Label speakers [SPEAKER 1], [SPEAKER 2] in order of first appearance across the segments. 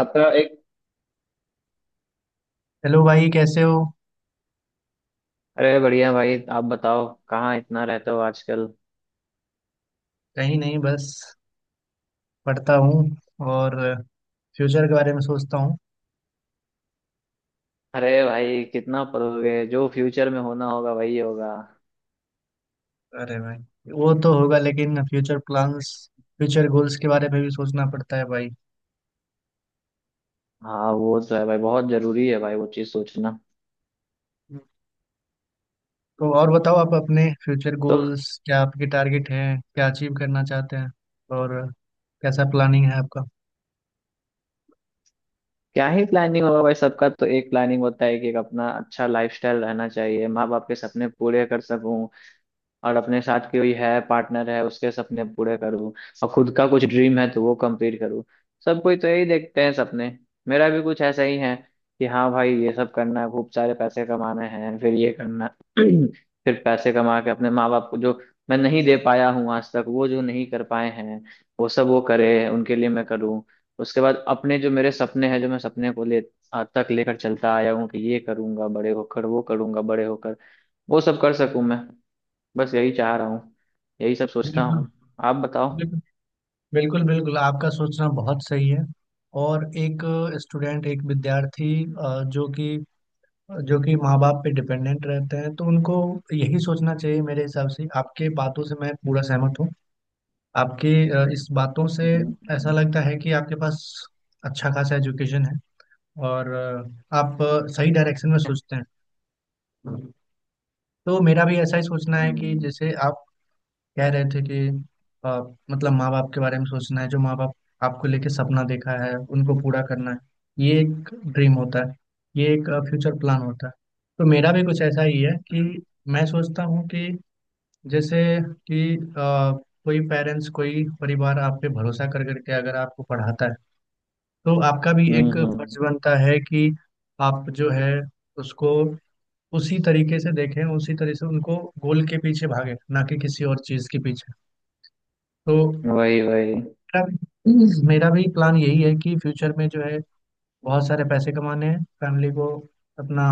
[SPEAKER 1] आपका एक।
[SPEAKER 2] हेलो भाई कैसे हो।
[SPEAKER 1] अरे बढ़िया भाई, आप बताओ कहाँ इतना रहते हो आजकल।
[SPEAKER 2] कहीं नहीं, बस पढ़ता हूँ और फ्यूचर के बारे में सोचता हूँ।
[SPEAKER 1] अरे भाई कितना पढ़ोगे, जो फ्यूचर में होना होगा वही होगा।
[SPEAKER 2] अरे भाई वो तो होगा, लेकिन फ्यूचर प्लान्स, फ्यूचर गोल्स के बारे में भी सोचना पड़ता है भाई।
[SPEAKER 1] हाँ वो तो है भाई, बहुत जरूरी है भाई वो चीज सोचना।
[SPEAKER 2] तो और बताओ, आप अपने फ्यूचर
[SPEAKER 1] तो
[SPEAKER 2] गोल्स, क्या आपके टारगेट हैं, क्या अचीव करना चाहते हैं और कैसा प्लानिंग है आपका।
[SPEAKER 1] क्या ही प्लानिंग होगा भाई, सबका तो एक प्लानिंग होता है कि एक अपना अच्छा लाइफस्टाइल रहना चाहिए, माँ बाप के सपने पूरे कर सकूं। और अपने साथ कोई है, पार्टनर है, उसके सपने पूरे करूँ। और खुद का कुछ ड्रीम है तो वो कंप्लीट करूँ। सब कोई तो यही देखते हैं सपने, मेरा भी कुछ ऐसा ही है कि हाँ भाई ये सब करना है, खूब सारे पैसे कमाने हैं, फिर ये करना। फिर पैसे कमा के अपने माँ बाप को जो मैं नहीं दे पाया हूँ आज तक, वो जो नहीं कर पाए हैं वो सब वो करे, उनके लिए मैं करूँ। उसके बाद अपने जो मेरे सपने हैं, जो मैं सपने को ले आज तक लेकर चलता आया हूँ कि ये करूंगा बड़े होकर, वो करूंगा बड़े होकर, वो सब कर सकूं मैं। बस यही चाह रहा हूँ, यही सब सोचता
[SPEAKER 2] बिल्कुल
[SPEAKER 1] हूँ। आप बताओ।
[SPEAKER 2] बिल्कुल। बिल्कुल बिल्कुल, आपका सोचना बहुत सही है। और एक स्टूडेंट, एक विद्यार्थी अ, जो कि जो कि माँ बाप पे डिपेंडेंट रहते हैं तो उनको यही सोचना चाहिए। मेरे हिसाब से आपके बातों से मैं पूरा सहमत हूँ, आपके इस बातों से। ऐसा
[SPEAKER 1] हम्म।
[SPEAKER 2] लगता है कि आपके पास अच्छा खासा एजुकेशन है और आप सही डायरेक्शन में सोचते हैं। तो मेरा भी ऐसा ही सोचना है कि
[SPEAKER 1] हम्म।
[SPEAKER 2] जैसे आप कह रहे थे कि अ, मतलब माँ बाप के बारे में सोचना है, जो माँ बाप आपको लेके सपना देखा है उनको पूरा करना है। ये एक ड्रीम होता है, ये एक फ्यूचर प्लान होता है। तो मेरा भी कुछ ऐसा ही है कि मैं सोचता हूँ कि जैसे कि कोई पेरेंट्स, कोई परिवार आप पे भरोसा कर करके अगर आपको पढ़ाता है तो आपका भी एक फर्ज
[SPEAKER 1] हम्म।
[SPEAKER 2] बनता है कि आप जो है उसको उसी तरीके से देखें, उसी तरह से उनको गोल के पीछे भागे, ना कि किसी और चीज़ के पीछे। तो
[SPEAKER 1] वही वही।
[SPEAKER 2] मेरा भी मेरा भी प्लान यही है कि फ्यूचर में जो है, बहुत सारे पैसे कमाने हैं, फैमिली को अपना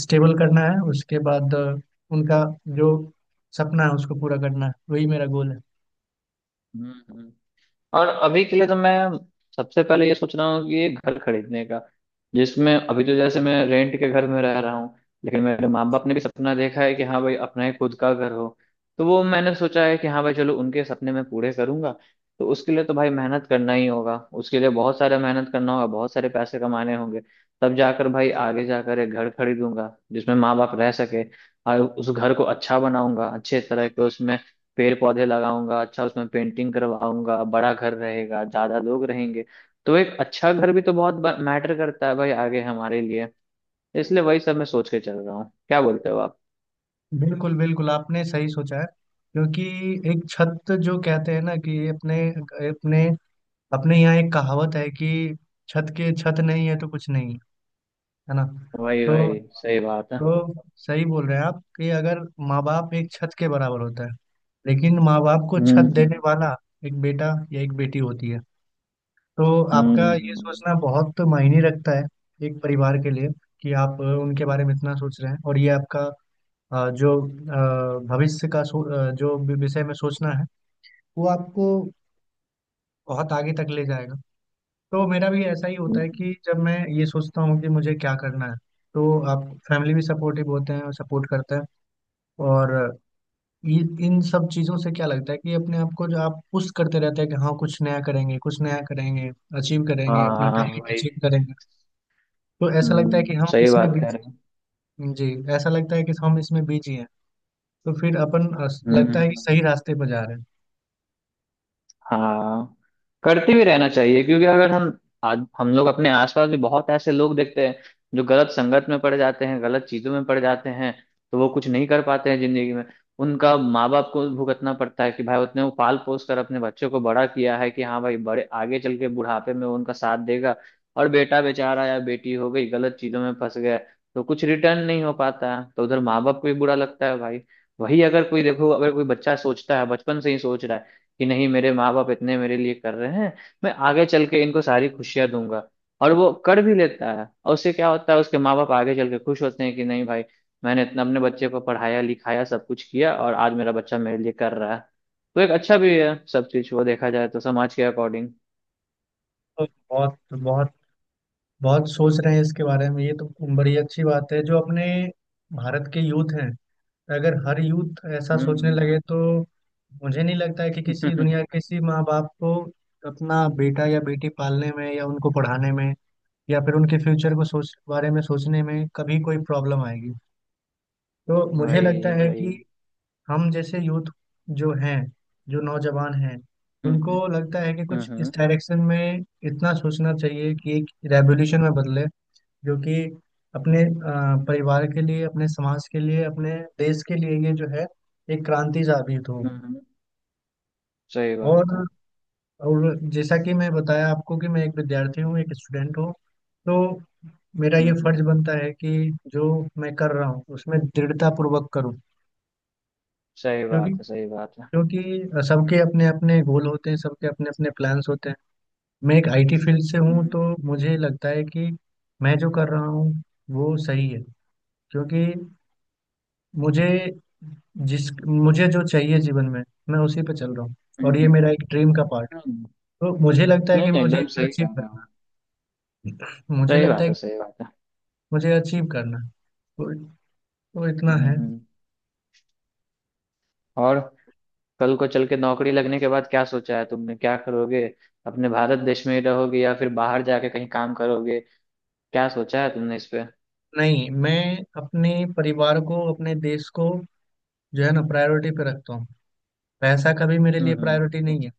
[SPEAKER 2] स्टेबल करना है। उसके बाद उनका जो सपना है उसको पूरा करना है, वही मेरा गोल है।
[SPEAKER 1] हम्म हम्म। और अभी के लिए तो मैं सबसे पहले ये सोच रहा हूँ कि ये घर खरीदने का, जिसमें अभी तो जैसे मैं रेंट के घर में रह रहा हूँ, लेकिन मेरे माँ बाप ने भी सपना देखा है कि हाँ भाई अपना ही खुद का घर हो। तो वो मैंने सोचा है कि हाँ भाई चलो, उनके सपने मैं पूरे करूंगा। तो उसके लिए तो भाई मेहनत करना ही होगा, उसके लिए बहुत सारा मेहनत करना होगा, बहुत सारे पैसे कमाने होंगे, तब जाकर भाई आगे जाकर एक घर खरीदूंगा जिसमें माँ बाप रह सके। और उस घर को अच्छा बनाऊंगा, अच्छे तरह के उसमें पेड़ पौधे लगाऊंगा, अच्छा उसमें पेंटिंग करवाऊंगा, बड़ा घर रहेगा, ज्यादा लोग रहेंगे। तो एक अच्छा घर भी तो बहुत मैटर करता है भाई आगे हमारे लिए। इसलिए वही सब मैं सोच के चल रहा हूँ। क्या बोलते हो आप।
[SPEAKER 2] बिल्कुल बिल्कुल, आपने सही सोचा है। क्योंकि एक छत, जो कहते हैं ना कि अपने अपने अपने यहाँ एक कहावत है कि छत के, छत नहीं है तो कुछ नहीं है, है ना।
[SPEAKER 1] वही
[SPEAKER 2] तो
[SPEAKER 1] वही, सही बात है।
[SPEAKER 2] तो सही बोल रहे हैं आप कि अगर माँ बाप एक छत के बराबर होता है, लेकिन माँ बाप को छत देने
[SPEAKER 1] हम्म।
[SPEAKER 2] वाला एक बेटा या एक बेटी होती है। तो आपका
[SPEAKER 1] हम्म,
[SPEAKER 2] ये
[SPEAKER 1] हम्म,
[SPEAKER 2] सोचना बहुत मायने रखता है एक परिवार के लिए, कि आप उनके बारे में इतना सोच रहे हैं। और ये आपका अ, जो भविष्य का विषय में सोचना है, वो आपको बहुत आगे तक ले जाएगा। तो मेरा भी ऐसा ही होता है
[SPEAKER 1] हम्म।
[SPEAKER 2] कि जब मैं ये सोचता हूँ कि मुझे क्या करना है, तो आप फैमिली भी सपोर्टिव होते हैं और सपोर्ट करते हैं। और ये इन सब चीजों से क्या लगता है कि अपने आप को जो आप पुश करते रहते हैं कि हाँ कुछ नया करेंगे, अचीव करेंगे,
[SPEAKER 1] हाँ
[SPEAKER 2] अपना
[SPEAKER 1] हाँ
[SPEAKER 2] टारगेट
[SPEAKER 1] वही।
[SPEAKER 2] अचीव करेंगे। तो ऐसा लगता है कि
[SPEAKER 1] हम्म,
[SPEAKER 2] हम
[SPEAKER 1] सही
[SPEAKER 2] इसमें
[SPEAKER 1] बात कह रहे हो।
[SPEAKER 2] बिजी। जी। ऐसा लगता है कि हम इसमें बिजी हैं, तो फिर
[SPEAKER 1] हम्म
[SPEAKER 2] लगता है कि
[SPEAKER 1] हम्म।
[SPEAKER 2] सही रास्ते पर जा रहे हैं।
[SPEAKER 1] हाँ, करते भी रहना चाहिए, क्योंकि अगर हम आज हम लोग अपने आसपास भी बहुत ऐसे लोग देखते हैं जो गलत संगत में पड़ जाते हैं, गलत चीजों में पड़ जाते हैं, तो वो कुछ नहीं कर पाते हैं जिंदगी में। उनका माँ बाप को भुगतना पड़ता है कि भाई उतने वो पाल पोस कर अपने बच्चों को बड़ा किया है कि हाँ भाई बड़े आगे चल के बुढ़ापे में वो उनका साथ देगा, और बेटा बेचारा या बेटी हो गई गलत चीजों में फंस गया, तो कुछ रिटर्न नहीं हो पाता है, तो उधर माँ बाप को भी बुरा लगता है भाई। वही अगर कोई देखो, अगर कोई बच्चा सोचता है बचपन से ही सोच रहा है कि नहीं मेरे माँ बाप इतने मेरे लिए कर रहे हैं, मैं आगे चल के इनको सारी खुशियां दूंगा, और वो कर भी लेता है, और उससे क्या होता है उसके माँ बाप आगे चल के खुश होते हैं कि नहीं भाई मैंने इतना अपने बच्चे को पढ़ाया लिखाया सब कुछ किया और आज मेरा बच्चा मेरे लिए कर रहा है। तो एक अच्छा भी है सब चीज वो, देखा जाए तो समाज के अकॉर्डिंग।
[SPEAKER 2] तो बहुत बहुत बहुत सोच रहे हैं इसके बारे में, ये तो बड़ी अच्छी बात है। जो अपने भारत के यूथ हैं, अगर हर यूथ ऐसा सोचने
[SPEAKER 1] हम्म
[SPEAKER 2] लगे तो मुझे नहीं लगता है कि किसी
[SPEAKER 1] हम्म।
[SPEAKER 2] दुनिया, किसी माँ बाप को अपना बेटा या बेटी पालने में, या उनको पढ़ाने में, या फिर उनके फ्यूचर को सोचने में कभी कोई प्रॉब्लम आएगी। तो मुझे लगता
[SPEAKER 1] वही
[SPEAKER 2] है
[SPEAKER 1] वही।
[SPEAKER 2] कि हम जैसे यूथ जो हैं, जो नौजवान हैं,
[SPEAKER 1] हम्म,
[SPEAKER 2] उनको लगता है कि
[SPEAKER 1] हम्म
[SPEAKER 2] कुछ इस
[SPEAKER 1] हम्म
[SPEAKER 2] डायरेक्शन में इतना सोचना चाहिए कि एक रेवोल्यूशन में बदले, जो कि अपने परिवार के लिए, अपने समाज के लिए, अपने देश के लिए ये जो है एक क्रांति साबित हो।
[SPEAKER 1] हम्म। सही
[SPEAKER 2] और
[SPEAKER 1] बात है।
[SPEAKER 2] और जैसा कि मैं बताया आपको कि मैं एक विद्यार्थी हूँ, एक स्टूडेंट हूँ, तो मेरा ये फर्ज
[SPEAKER 1] हम्म,
[SPEAKER 2] बनता है कि जो मैं कर रहा हूँ उसमें दृढ़ता पूर्वक करूँ।
[SPEAKER 1] सही
[SPEAKER 2] क्योंकि
[SPEAKER 1] बात है, सही बात है।
[SPEAKER 2] क्योंकि सबके अपने अपने गोल होते हैं, सबके अपने अपने प्लान्स होते हैं। मैं एक आईटी फील्ड से हूँ,
[SPEAKER 1] हम्म
[SPEAKER 2] तो मुझे लगता है कि मैं जो कर रहा हूँ वो सही है। क्योंकि मुझे मुझे जो चाहिए जीवन में, मैं उसी पे चल रहा हूँ। और ये
[SPEAKER 1] हम्म
[SPEAKER 2] मेरा एक ड्रीम का पार्ट।
[SPEAKER 1] हम्म।
[SPEAKER 2] तो मुझे लगता है
[SPEAKER 1] नहीं
[SPEAKER 2] कि
[SPEAKER 1] नहीं,
[SPEAKER 2] मुझे
[SPEAKER 1] एकदम सही कह
[SPEAKER 2] अचीव
[SPEAKER 1] रहे
[SPEAKER 2] करना
[SPEAKER 1] हो।
[SPEAKER 2] है। मुझे
[SPEAKER 1] सही
[SPEAKER 2] लगता
[SPEAKER 1] बात
[SPEAKER 2] है कि
[SPEAKER 1] है, सही बात है।
[SPEAKER 2] मुझे अचीव करना है। तो, तो इतना है।
[SPEAKER 1] हम्म। और कल को चल के नौकरी लगने के बाद क्या सोचा है तुमने, क्या करोगे? अपने भारत देश में ही रहोगे या फिर बाहर जाके कहीं काम करोगे? क्या सोचा है तुमने इस पे?
[SPEAKER 2] नहीं, मैं अपने परिवार को, अपने देश को जो है ना प्रायोरिटी पे रखता हूँ। पैसा कभी मेरे लिए प्रायोरिटी
[SPEAKER 1] हम्म।
[SPEAKER 2] नहीं है।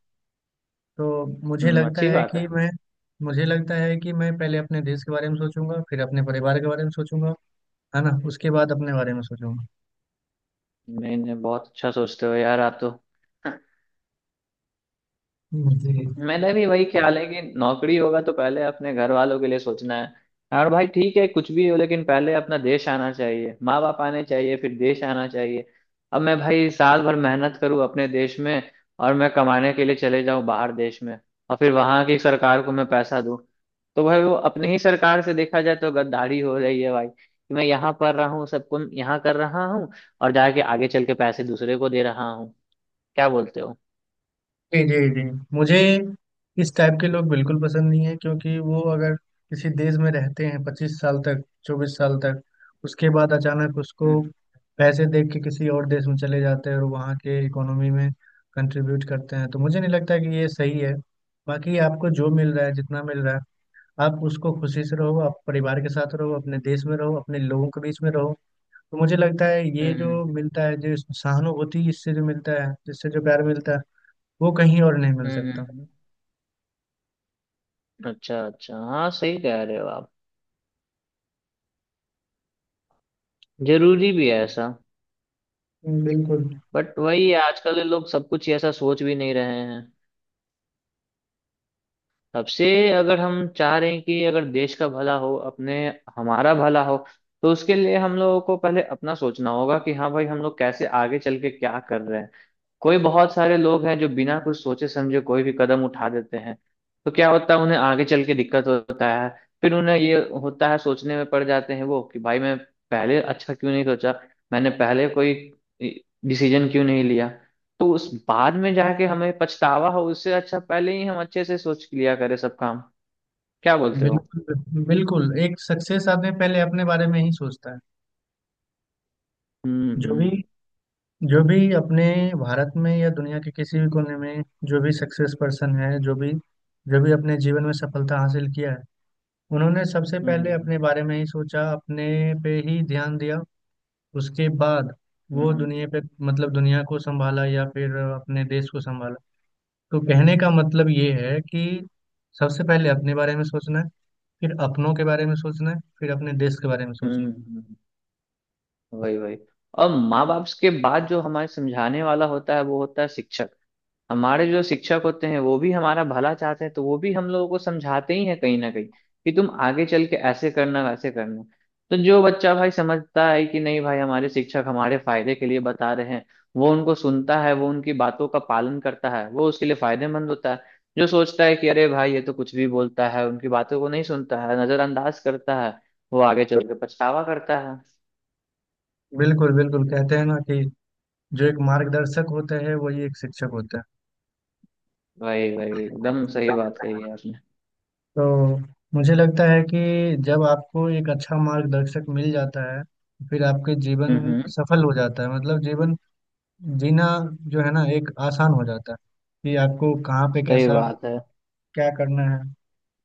[SPEAKER 2] तो मुझे लगता
[SPEAKER 1] अच्छी
[SPEAKER 2] है
[SPEAKER 1] बात है।
[SPEAKER 2] कि मैं मुझे लगता है कि मैं पहले अपने देश के बारे में सोचूंगा, फिर अपने परिवार के बारे में सोचूंगा, है ना, उसके बाद अपने बारे में सोचूंगा।
[SPEAKER 1] नहीं नहीं, बहुत अच्छा सोचते हो यार आप तो।
[SPEAKER 2] जी
[SPEAKER 1] मेरा भी वही ख्याल है कि नौकरी होगा तो पहले अपने घर वालों के लिए सोचना है, और भाई ठीक है कुछ भी हो, लेकिन पहले अपना देश आना चाहिए, माँ बाप आने चाहिए, फिर देश आना चाहिए। अब मैं भाई साल भर मेहनत करूँ अपने देश में, और मैं कमाने के लिए चले जाऊँ बाहर देश में, और फिर वहां की सरकार को मैं पैसा दूँ, तो भाई वो अपनी ही सरकार से देखा जाए तो गद्दारी हो रही है भाई, कि मैं यहाँ पढ़ रहा हूँ, सबको यहाँ कर रहा हूँ, और जाके आगे चल के पैसे दूसरे को दे रहा हूँ। क्या बोलते हो?
[SPEAKER 2] जी जी। जी मुझे इस टाइप के लोग बिल्कुल पसंद नहीं है। क्योंकि वो अगर किसी देश में रहते हैं पच्चीस साल तक, चौबीस साल तक, उसके बाद अचानक उसको
[SPEAKER 1] हम्म
[SPEAKER 2] पैसे देख के किसी और देश में चले जाते हैं और वहाँ के इकोनॉमी में कंट्रीब्यूट करते हैं, तो मुझे नहीं लगता कि ये सही है। बाकी आपको जो मिल रहा है, जितना मिल रहा है, आप उसको खुशी से रहो, आप परिवार के साथ रहो, अपने देश में रहो, अपने लोगों के बीच में रहो। तो मुझे लगता है ये जो
[SPEAKER 1] हम्म।
[SPEAKER 2] मिलता है, जो सहानुभूति इससे जो मिलता है, जिससे जो प्यार मिलता है, वो कहीं और नहीं मिल सकता।
[SPEAKER 1] हम्म, अच्छा अच्छा, हाँ सही कह रहे हो आप। जरूरी भी है ऐसा।
[SPEAKER 2] बिल्कुल।
[SPEAKER 1] बट वही है, आजकल ये लोग सब कुछ ही ऐसा सोच भी नहीं रहे हैं। सबसे, अगर हम चाह रहे हैं कि अगर देश का भला हो, अपने हमारा भला हो, तो उसके लिए हम लोगों को पहले अपना सोचना होगा कि हाँ भाई हम लोग कैसे आगे चल के क्या कर रहे हैं। कोई बहुत सारे लोग हैं जो बिना कुछ सोचे समझे कोई भी कदम उठा देते हैं, तो क्या होता है उन्हें आगे चल के दिक्कत होता है, फिर उन्हें ये होता है सोचने में पड़ जाते हैं वो कि भाई मैं पहले अच्छा क्यों नहीं सोचा, मैंने पहले कोई डिसीजन क्यों नहीं लिया। तो उस बाद में जाके हमें पछतावा हो, उससे अच्छा पहले ही हम अच्छे से सोच लिया करें सब काम। क्या बोलते हो?
[SPEAKER 2] बिल्कुल बिल्कुल, एक सक्सेस आदमी पहले अपने बारे में ही सोचता है। जो भी
[SPEAKER 1] हम्म।
[SPEAKER 2] जो भी अपने भारत में या दुनिया के किसी भी कोने में जो भी सक्सेस पर्सन है, जो भी अपने जीवन में सफलता हासिल किया है, उन्होंने सबसे पहले
[SPEAKER 1] हम्म
[SPEAKER 2] अपने बारे में ही सोचा, अपने पे ही ध्यान दिया। उसके बाद वो
[SPEAKER 1] हम्म।
[SPEAKER 2] दुनिया पे, मतलब दुनिया को संभाला या फिर अपने देश को संभाला। तो कहने का मतलब ये है कि सबसे पहले अपने बारे में सोचना है, फिर अपनों के बारे में सोचना है, फिर अपने देश के बारे में सोचना
[SPEAKER 1] हम्म। वही वही। और माँ बाप के बाद जो हमारे समझाने वाला होता है वो होता है शिक्षक। हमारे जो शिक्षक होते हैं वो भी हमारा भला चाहते हैं, तो वो भी हम लोगों को समझाते ही हैं कहीं ना कहीं कि तुम आगे चल के ऐसे करना, वैसे करना। तो जो बच्चा भाई समझता है कि नहीं भाई हमारे शिक्षक हमारे फायदे के लिए बता रहे हैं, वो उनको सुनता है, वो उनकी बातों का पालन करता है, वो उसके लिए फायदेमंद होता है। जो सोचता है कि अरे भाई ये तो कुछ भी बोलता है, उनकी बातों को नहीं सुनता है, नजरअंदाज करता है, वो आगे चल के पछतावा करता है।
[SPEAKER 2] है। बिल्कुल बिल्कुल, कहते हैं ना कि जो एक मार्गदर्शक होता है, वही एक शिक्षक होता है।
[SPEAKER 1] वही वही, एकदम सही बात कही है आपने।
[SPEAKER 2] तो मुझे लगता है कि जब आपको एक अच्छा मार्गदर्शक मिल जाता है, फिर आपके जीवन
[SPEAKER 1] हम्म,
[SPEAKER 2] सफल हो जाता है, मतलब जीवन जीना जो है ना एक आसान हो जाता है। कि आपको कहाँ पे
[SPEAKER 1] सही
[SPEAKER 2] कैसा
[SPEAKER 1] बात है।
[SPEAKER 2] क्या करना है।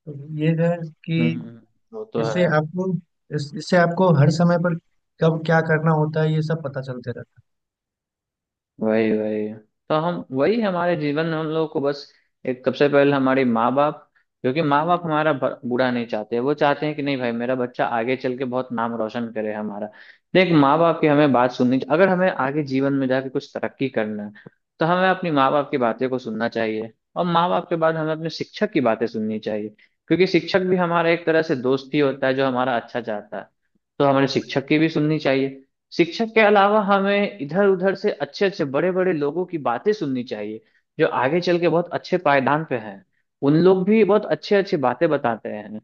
[SPEAKER 2] तो ये है कि
[SPEAKER 1] हम्म, वो तो
[SPEAKER 2] इससे
[SPEAKER 1] है।
[SPEAKER 2] आपको इससे आपको हर समय पर कब क्या करना होता है ये सब पता चलते रहता है।
[SPEAKER 1] वही वही, तो हम वही हमारे जीवन में हम लोगों को बस एक सबसे पहले हमारे माँ बाप, क्योंकि माँ बाप हमारा बुरा नहीं चाहते, वो चाहते हैं कि नहीं भाई मेरा बच्चा आगे चल के बहुत नाम रोशन करे हमारा। देख माँ बाप की हमें बात सुननी, अगर हमें आगे जीवन में जाके कुछ तरक्की करना है, तो हमें अपनी माँ बाप की बातें को सुनना चाहिए। और माँ बाप के बाद हमें अपने शिक्षक की बातें सुननी चाहिए, क्योंकि शिक्षक भी हमारा एक तरह से दोस्त ही होता है जो हमारा अच्छा चाहता है, तो हमारे शिक्षक की भी सुननी चाहिए। शिक्षक के अलावा हमें इधर उधर से अच्छे अच्छे बड़े बड़े लोगों की बातें सुननी चाहिए, जो आगे चल के बहुत अच्छे पायदान पे हैं, उन लोग भी बहुत अच्छे अच्छे बातें बताते हैं,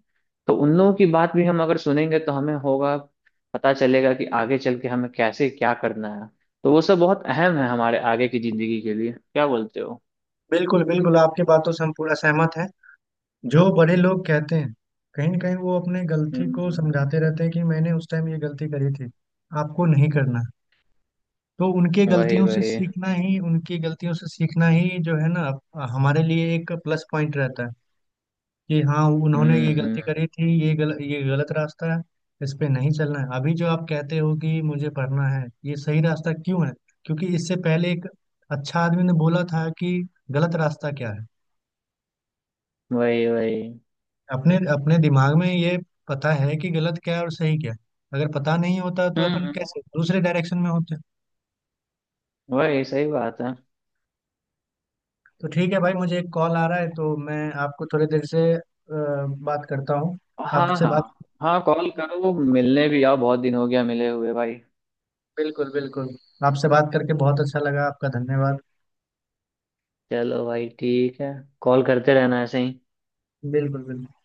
[SPEAKER 1] तो उन लोगों की बात भी हम अगर सुनेंगे तो हमें होगा, पता चलेगा कि आगे चल के हमें कैसे क्या करना है। तो वो सब बहुत अहम है हमारे आगे की जिंदगी के लिए। क्या बोलते हो?
[SPEAKER 2] बिल्कुल बिल्कुल, आपकी बातों से हम पूरा सहमत हैं। जो बड़े लोग कहते हैं, कहीं ना कहीं वो अपने गलती
[SPEAKER 1] हम्म
[SPEAKER 2] को
[SPEAKER 1] हम्म,
[SPEAKER 2] समझाते रहते हैं कि मैंने उस टाइम ये गलती करी थी, आपको नहीं करना। तो उनके
[SPEAKER 1] वही
[SPEAKER 2] गलतियों से
[SPEAKER 1] वही।
[SPEAKER 2] सीखना ही उनकी गलतियों से सीखना ही जो है ना, हमारे लिए एक प्लस पॉइंट रहता है। कि हाँ, उन्होंने ये
[SPEAKER 1] हम्म।
[SPEAKER 2] गलती करी थी, ये गलत रास्ता है, इस पे नहीं चलना है। अभी जो आप कहते हो कि मुझे पढ़ना है, ये सही रास्ता क्यों है? क्योंकि इससे पहले एक अच्छा आदमी ने बोला था कि गलत रास्ता क्या है।
[SPEAKER 1] वही वही।
[SPEAKER 2] अपने अपने दिमाग में ये पता है कि गलत क्या है और सही क्या है। अगर पता नहीं होता तो
[SPEAKER 1] हम्म
[SPEAKER 2] अपन
[SPEAKER 1] हम्म,
[SPEAKER 2] कैसे दूसरे डायरेक्शन में होते।
[SPEAKER 1] वही सही बात है।
[SPEAKER 2] तो ठीक है भाई, मुझे एक कॉल आ रहा है तो मैं आपको थोड़ी देर से बात करता हूँ,
[SPEAKER 1] हाँ
[SPEAKER 2] आपसे बात।
[SPEAKER 1] हाँ। हाँ कॉल करो, मिलने भी आओ, बहुत दिन हो गया मिले हुए भाई।
[SPEAKER 2] बिल्कुल बिल्कुल, आपसे बात करके बहुत अच्छा लगा। आपका धन्यवाद।
[SPEAKER 1] चलो भाई ठीक है, कॉल करते रहना ऐसे ही।
[SPEAKER 2] बिल्कुल बिल्कुल।